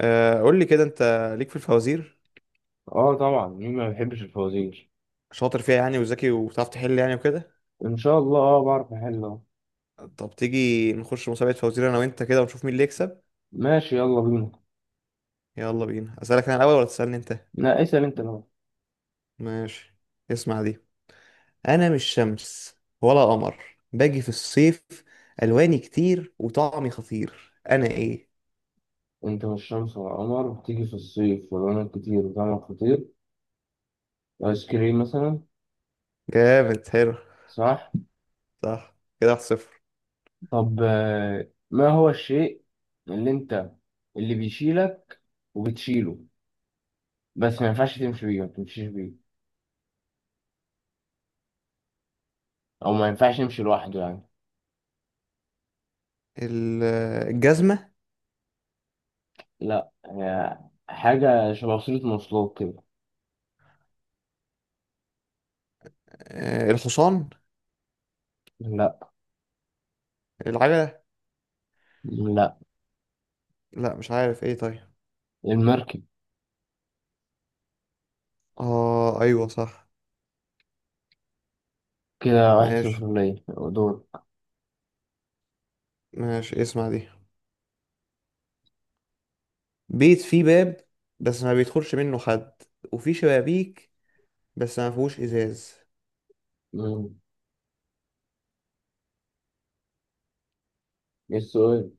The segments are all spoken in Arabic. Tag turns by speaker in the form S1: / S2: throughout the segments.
S1: قول لي كده انت ليك في الفوازير،
S2: اه، طبعا مين ما بيحبش الفوازير.
S1: شاطر فيها يعني وذكي وبتعرف تحل يعني وكده.
S2: ان شاء الله، اه بعرف احل اهو.
S1: طب تيجي نخش مسابقة فوازير انا وانت كده ونشوف مين اللي يكسب.
S2: ماشي، يلا بينا.
S1: يلا بينا. اسالك انا الاول ولا تسالني انت؟
S2: لا، اسأل انت بقى.
S1: ماشي، اسمع دي. انا مش شمس ولا قمر، باجي في الصيف، الواني كتير وطعمي خطير، انا ايه؟
S2: انت والشمس والقمر بتيجي في الصيف ولونك كتير وطعمك خطير. ايس كريم مثلا.
S1: جامد، حلو.
S2: صح.
S1: صح، كده 1-0.
S2: طب ما هو الشيء اللي انت اللي بيشيلك وبتشيله، بس ما ينفعش تمشي بيه، ما تمشيش بيه. او ما ينفعش يمشي لوحده يعني.
S1: ال- الجزمة.
S2: لا، هي حاجة شبه وسيلة مواصلات كده.
S1: الحصان.
S2: لا.
S1: العجلة.
S2: لا.
S1: لا مش عارف ايه، طيب.
S2: المركب.
S1: اه ايوه صح.
S2: كده واحد
S1: ماشي
S2: صفر، ليا دور.
S1: ماشي. اسمع دي. بيت فيه باب بس ما بيدخلش منه حد، وفيه شبابيك بس ما فيهوش ازاز،
S2: مم. ايه السؤال؟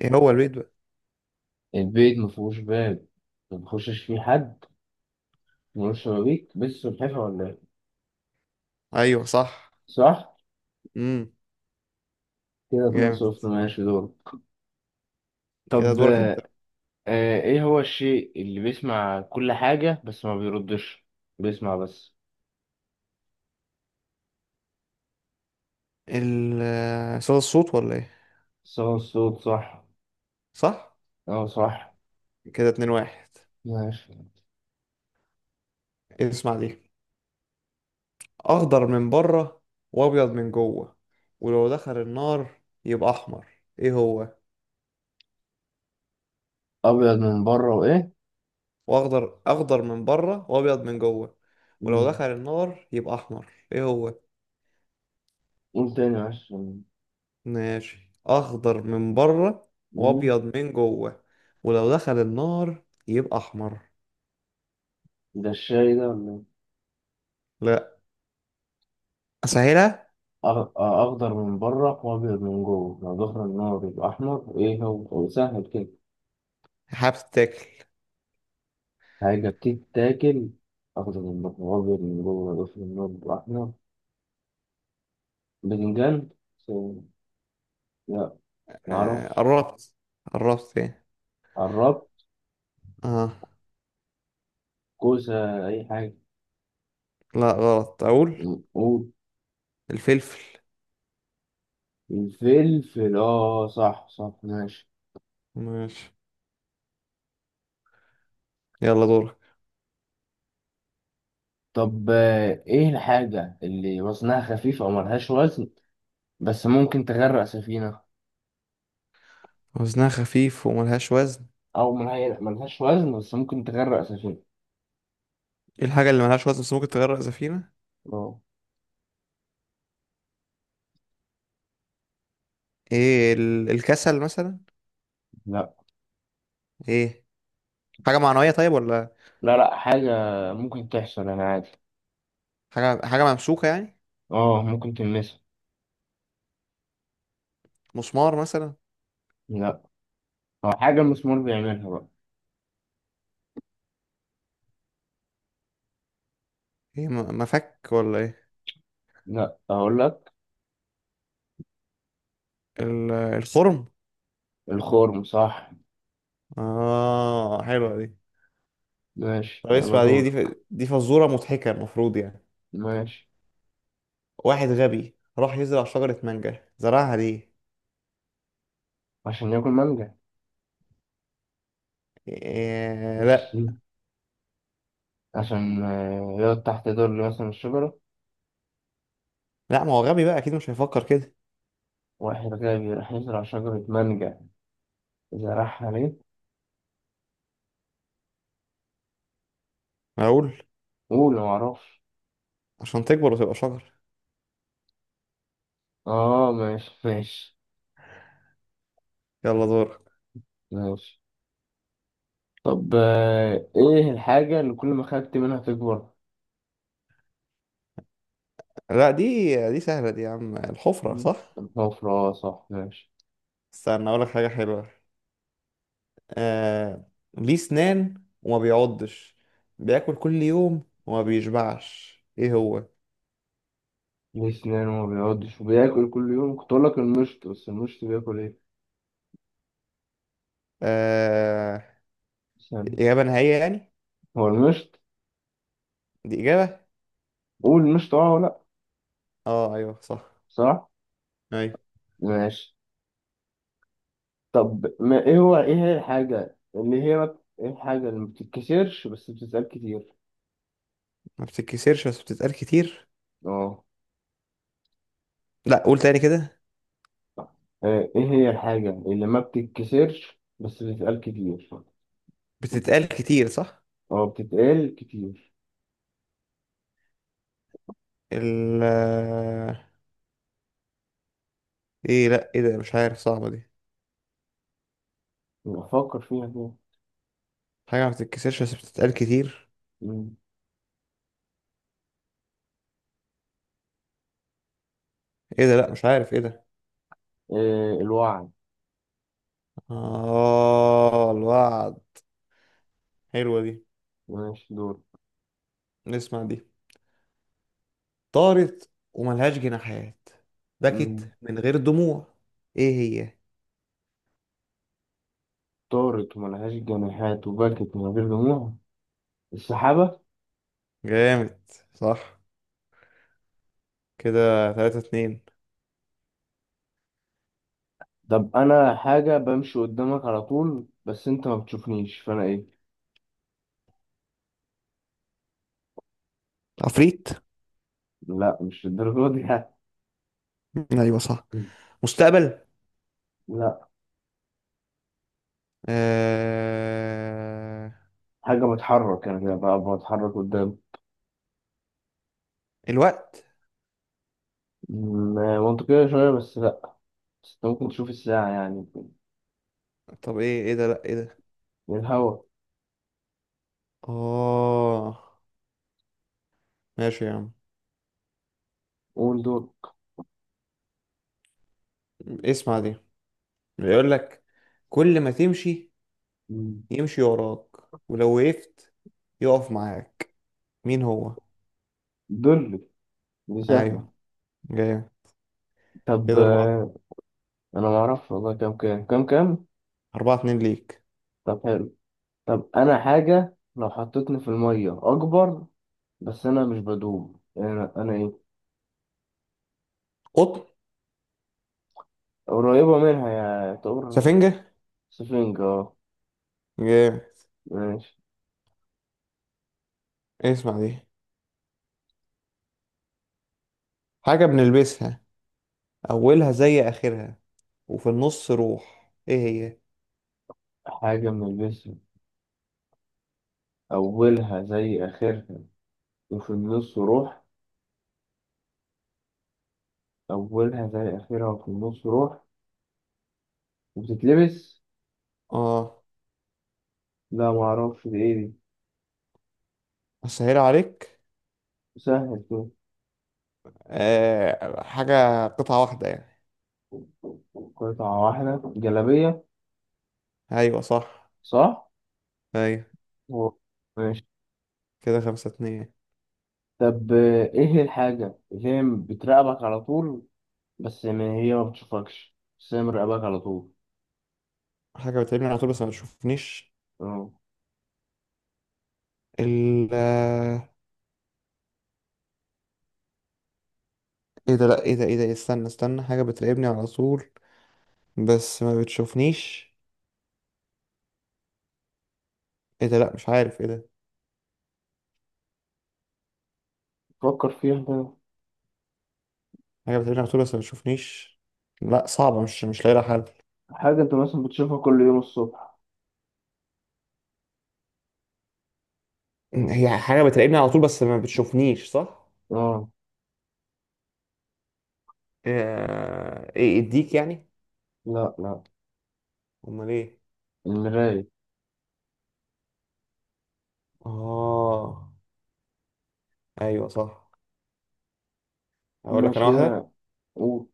S1: ايه هو البيت بقى؟
S2: البيت ما فيهوش باب، ما بيخشش فيه حد، ملوش شبابيك، بس سلحفاة ولا ايه؟
S1: ايوه صح.
S2: صح.
S1: امم.
S2: كده اتنين
S1: جامد.
S2: صفر، ماشي دور.
S1: كده
S2: طب
S1: دورك انت.
S2: ايه هو الشيء اللي بيسمع كل حاجة بس ما بيردش، بيسمع بس.
S1: ال آه، صدى الصوت ولا ايه؟
S2: صوت الصوت. صح.
S1: صح،
S2: اه صح.
S1: كده 2-1.
S2: ماشي.
S1: اسمع دي. اخضر من بره وابيض من جوه، ولو دخل النار يبقى احمر، ايه هو؟
S2: ابيض من بره وايه؟
S1: واخضر من بره وابيض من جوه، ولو
S2: مم.
S1: دخل النار يبقى احمر، ايه هو؟
S2: قول تاني معلش.
S1: ماشي، اخضر من بره
S2: مم.
S1: وابيض من جوه، ولو دخل النار يبقى احمر.
S2: ده الشاي ده ولا إيه؟
S1: لا، اسهلها.
S2: أخضر من بره وأبيض من جوه، لو ظهر النار يبقى أحمر. إيه هو؟ هو سهل كده.
S1: هبتكل.
S2: حاجة بتتاكل. أخضر من بره وأبيض من جوه، لو ظهر النار يبقى أحمر. باذنجان. سو- لا.
S1: آه
S2: معرفش.
S1: قربت. قربت ايه؟
S2: قربت.
S1: اه.
S2: كوسة، أي حاجة.
S1: لا غلط، اقول.
S2: قول.
S1: الفلفل.
S2: الفلفل، آه صح صح، ماشي.
S1: ماشي. يلا دورك.
S2: طب إيه الحاجة اللي وزنها خفيف أو ملهاش وزن بس ممكن تغرق سفينة؟
S1: وزنها خفيف وملهاش وزن؟
S2: أو ملهاش وزن بس ممكن تغرق سفينة.
S1: ايه الحاجة اللي ملهاش وزن بس ممكن تغرق سفينة؟
S2: اه.
S1: ايه الكسل مثلا؟
S2: لا.
S1: ايه، حاجة معنوية طيب ولا؟
S2: لا. لا، حاجة ممكن تحصل، أنا عادي.
S1: حاجة ممسوكة يعني؟
S2: اه، ممكن تلمسها.
S1: مسمار مثلا؟
S2: لا. أو حاجة المسمار بيعملها بقى.
S1: ايه، مفك ولا ايه؟
S2: لا، أقول لك.
S1: الخرم.
S2: الخرم، صح.
S1: اه حلوة دي.
S2: ماشي
S1: طب
S2: يلا
S1: اسمع دي
S2: دور.
S1: دي دي فزورة مضحكة المفروض يعني.
S2: ماشي.
S1: واحد غبي راح يزرع شجرة مانجا، زرعها ليه؟
S2: عشان ياكل مانجا.
S1: إيه؟
S2: بص،
S1: لا.
S2: عشان يقعد تحت ظل مثلا الشجرة.
S1: لا، ما هو غبي بقى، أكيد مش هيفكر كده.
S2: واحد غبي راح يزرع شجرة مانجا، زرعها ليه؟
S1: معقول.
S2: قول معرفش.
S1: عشان تكبر وتبقى شجر.
S2: اه ماشي ماشي.
S1: يلا دور.
S2: ماشي. طب ايه الحاجة اللي كل ما خدت منها تكبر؟
S1: لا دي، دي سهلة دي يا عم، الحفرة صح؟
S2: الحفرة، صح ماشي.
S1: استنى أقولك حاجة حلوة. آه... ليه سنان وما بيعضش، بياكل كل يوم وما بيشبعش، إيه هو؟
S2: ليه سنان وما بيقعدش وبياكل كل يوم، كنت اقول لك المشط، بس المشط بياكل ايه؟
S1: آه...
S2: ثانية.
S1: إجابة نهائية يعني؟
S2: هو المشط.
S1: دي إجابة؟
S2: قول المشط اه ولا لأ،
S1: اه ايوه صح.
S2: صح،
S1: ايوه.
S2: ماشي. طب ما ايه هي الحاجة اللي هي ما بت- ايه الحاجة اللي ما بتتكسرش بس بتتقال كتير؟
S1: ما بتتكسرش بس بتتقال كتير؟
S2: اه.
S1: لا قول تاني كده.
S2: ايه هي الحاجة اللي ما بتتكسرش بس بتتقال كتير؟
S1: بتتقال كتير، صح.
S2: اه، بتتقال كتير.
S1: ال، ايه؟ لا، ايه ده؟ مش عارف، صعبة دي.
S2: افكر فيها كده.
S1: حاجة ما بتتكسرش بس بتتقال كتير.
S2: مم.
S1: ايه ده؟ لا مش عارف ايه ده.
S2: إيه، الوعي.
S1: اه، الوعد. حلوة دي.
S2: ماشي دور.
S1: نسمع دي. طارت وملهاش جناحات،
S2: مم.
S1: بكت من غير دموع، ايه هي؟
S2: طارت وملهاش جناحات، وبكت من غير دموع. السحابة.
S1: جامد. صح. كده 3-2.
S2: طب انا حاجه بمشي قدامك على طول بس انت ما بتشوفنيش، فانا ايه؟
S1: عفريت.
S2: لا، مش الدرجه دي يعني.
S1: ايوه صح. مستقبل.
S2: لا،
S1: آه...
S2: حاجه بتحرك، انا كده بقى بتحرك قدام.
S1: الوقت.
S2: منطقيه شويه، بس لا. بس انت ممكن تشوف الساعه يعني.
S1: طب ايه؟ ايه ده؟ لا ايه ده؟
S2: من الهوا.
S1: اه ماشي يا عم.
S2: قول دول.
S1: اسمع دي. بيقول لك كل ما تمشي
S2: م.
S1: يمشي وراك، ولو وقفت يقف معاك، مين هو؟
S2: دول، دي سهله.
S1: ايوه. جاي.
S2: طب
S1: كده اربعة.
S2: انا ما اعرفش والله، كام كام كام كام.
S1: 4-2 ليك.
S2: طب حلو. طب انا حاجه لو حطيتني في الميه اكبر، بس انا مش بدوب، انا انا ايه؟
S1: قطن.
S2: قريبه منها، يا طور.
S1: سفنجة.
S2: سفنج، اه.
S1: جاي.
S2: ماشي.
S1: اسمع دي. حاجة بنلبسها، اولها زي اخرها، وفي النص روح، ايه هي؟
S2: حاجة من الجسم. أولها زي آخرها وفي النص روح. أولها زي آخرها وفي النص روح وبتتلبس.
S1: اه.
S2: لا، معرفش دي إيه دي.
S1: اسهل عليك؟
S2: سهل كده.
S1: حاجة قطعة واحدة يعني.
S2: قطعة واحدة، جلابية.
S1: ايوه صح.
S2: صح؟
S1: ايوه.
S2: و- ماشي.
S1: كده 5-2.
S2: طب إيه الحاجة اللي هي بتراقبك على طول بس ما هي ما بتشوفكش، بس هي مراقبك على طول.
S1: حاجة بتقابلني على طول بس ما بتشوفنيش؟
S2: اه.
S1: ال آه، ايه ده؟ لا ايه ده؟ ايه ده؟ استنى استنى، حاجة بتراقبني على طول بس ما بتشوفنيش. ايه ده؟ لا مش عارف ايه ده.
S2: فكر فيها كده.
S1: حاجة بتراقبني على طول بس ما بتشوفنيش. لا صعبة، مش لاقي لها حل.
S2: حاجة أنت مثلا بتشوفها كل يوم الصبح.
S1: هي حاجة بتراقبني على طول بس ما بتشوفنيش، صح؟
S2: اه.
S1: ايه، اديك يعني؟
S2: لا لا.
S1: امال ايه؟
S2: المراية.
S1: اه ايوه صح. اقول لك
S2: ماشي
S1: انا واحدة.
S2: كده. قول.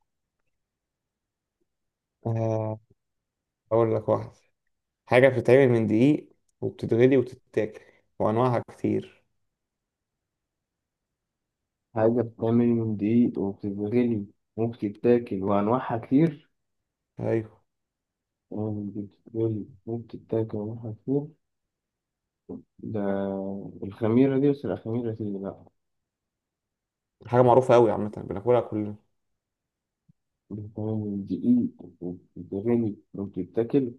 S1: آه، اقول لك واحدة. حاجة بتتعمل من دقيق، وبتتغلي وتتاكل، وأنواعها كتير.
S2: حاجة بتتعمل من دقيق وبتتغلي وبتتاكل وأنواعها كتير.
S1: أيوة.
S2: وبتتغلي وبتتاكل وأنواعها كتير. ده الخميرة دي، بس لا، الخميرة دي لأ.
S1: حاجة معروفة أوي، عامة بناكلها كلنا.
S2: بتتعمل من دقيق وبتتغلي وبتتاكل.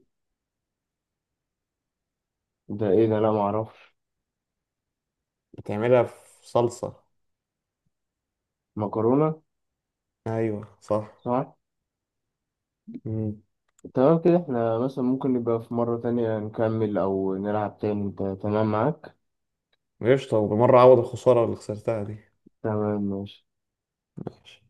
S2: ده إيه ده؟ لأ معرفش.
S1: بتعملها في صلصة.
S2: مكرونة.
S1: أيوة صح.
S2: صح؟
S1: مم.
S2: تمام كده، احنا مثلا ممكن نبقى في مرة تانية نكمل أو نلعب تاني، أنت تمام معاك؟
S1: قشطة، وبالمرة أعوض الخسارة اللي خسرتها دي.
S2: تمام ماشي.
S1: ماشي.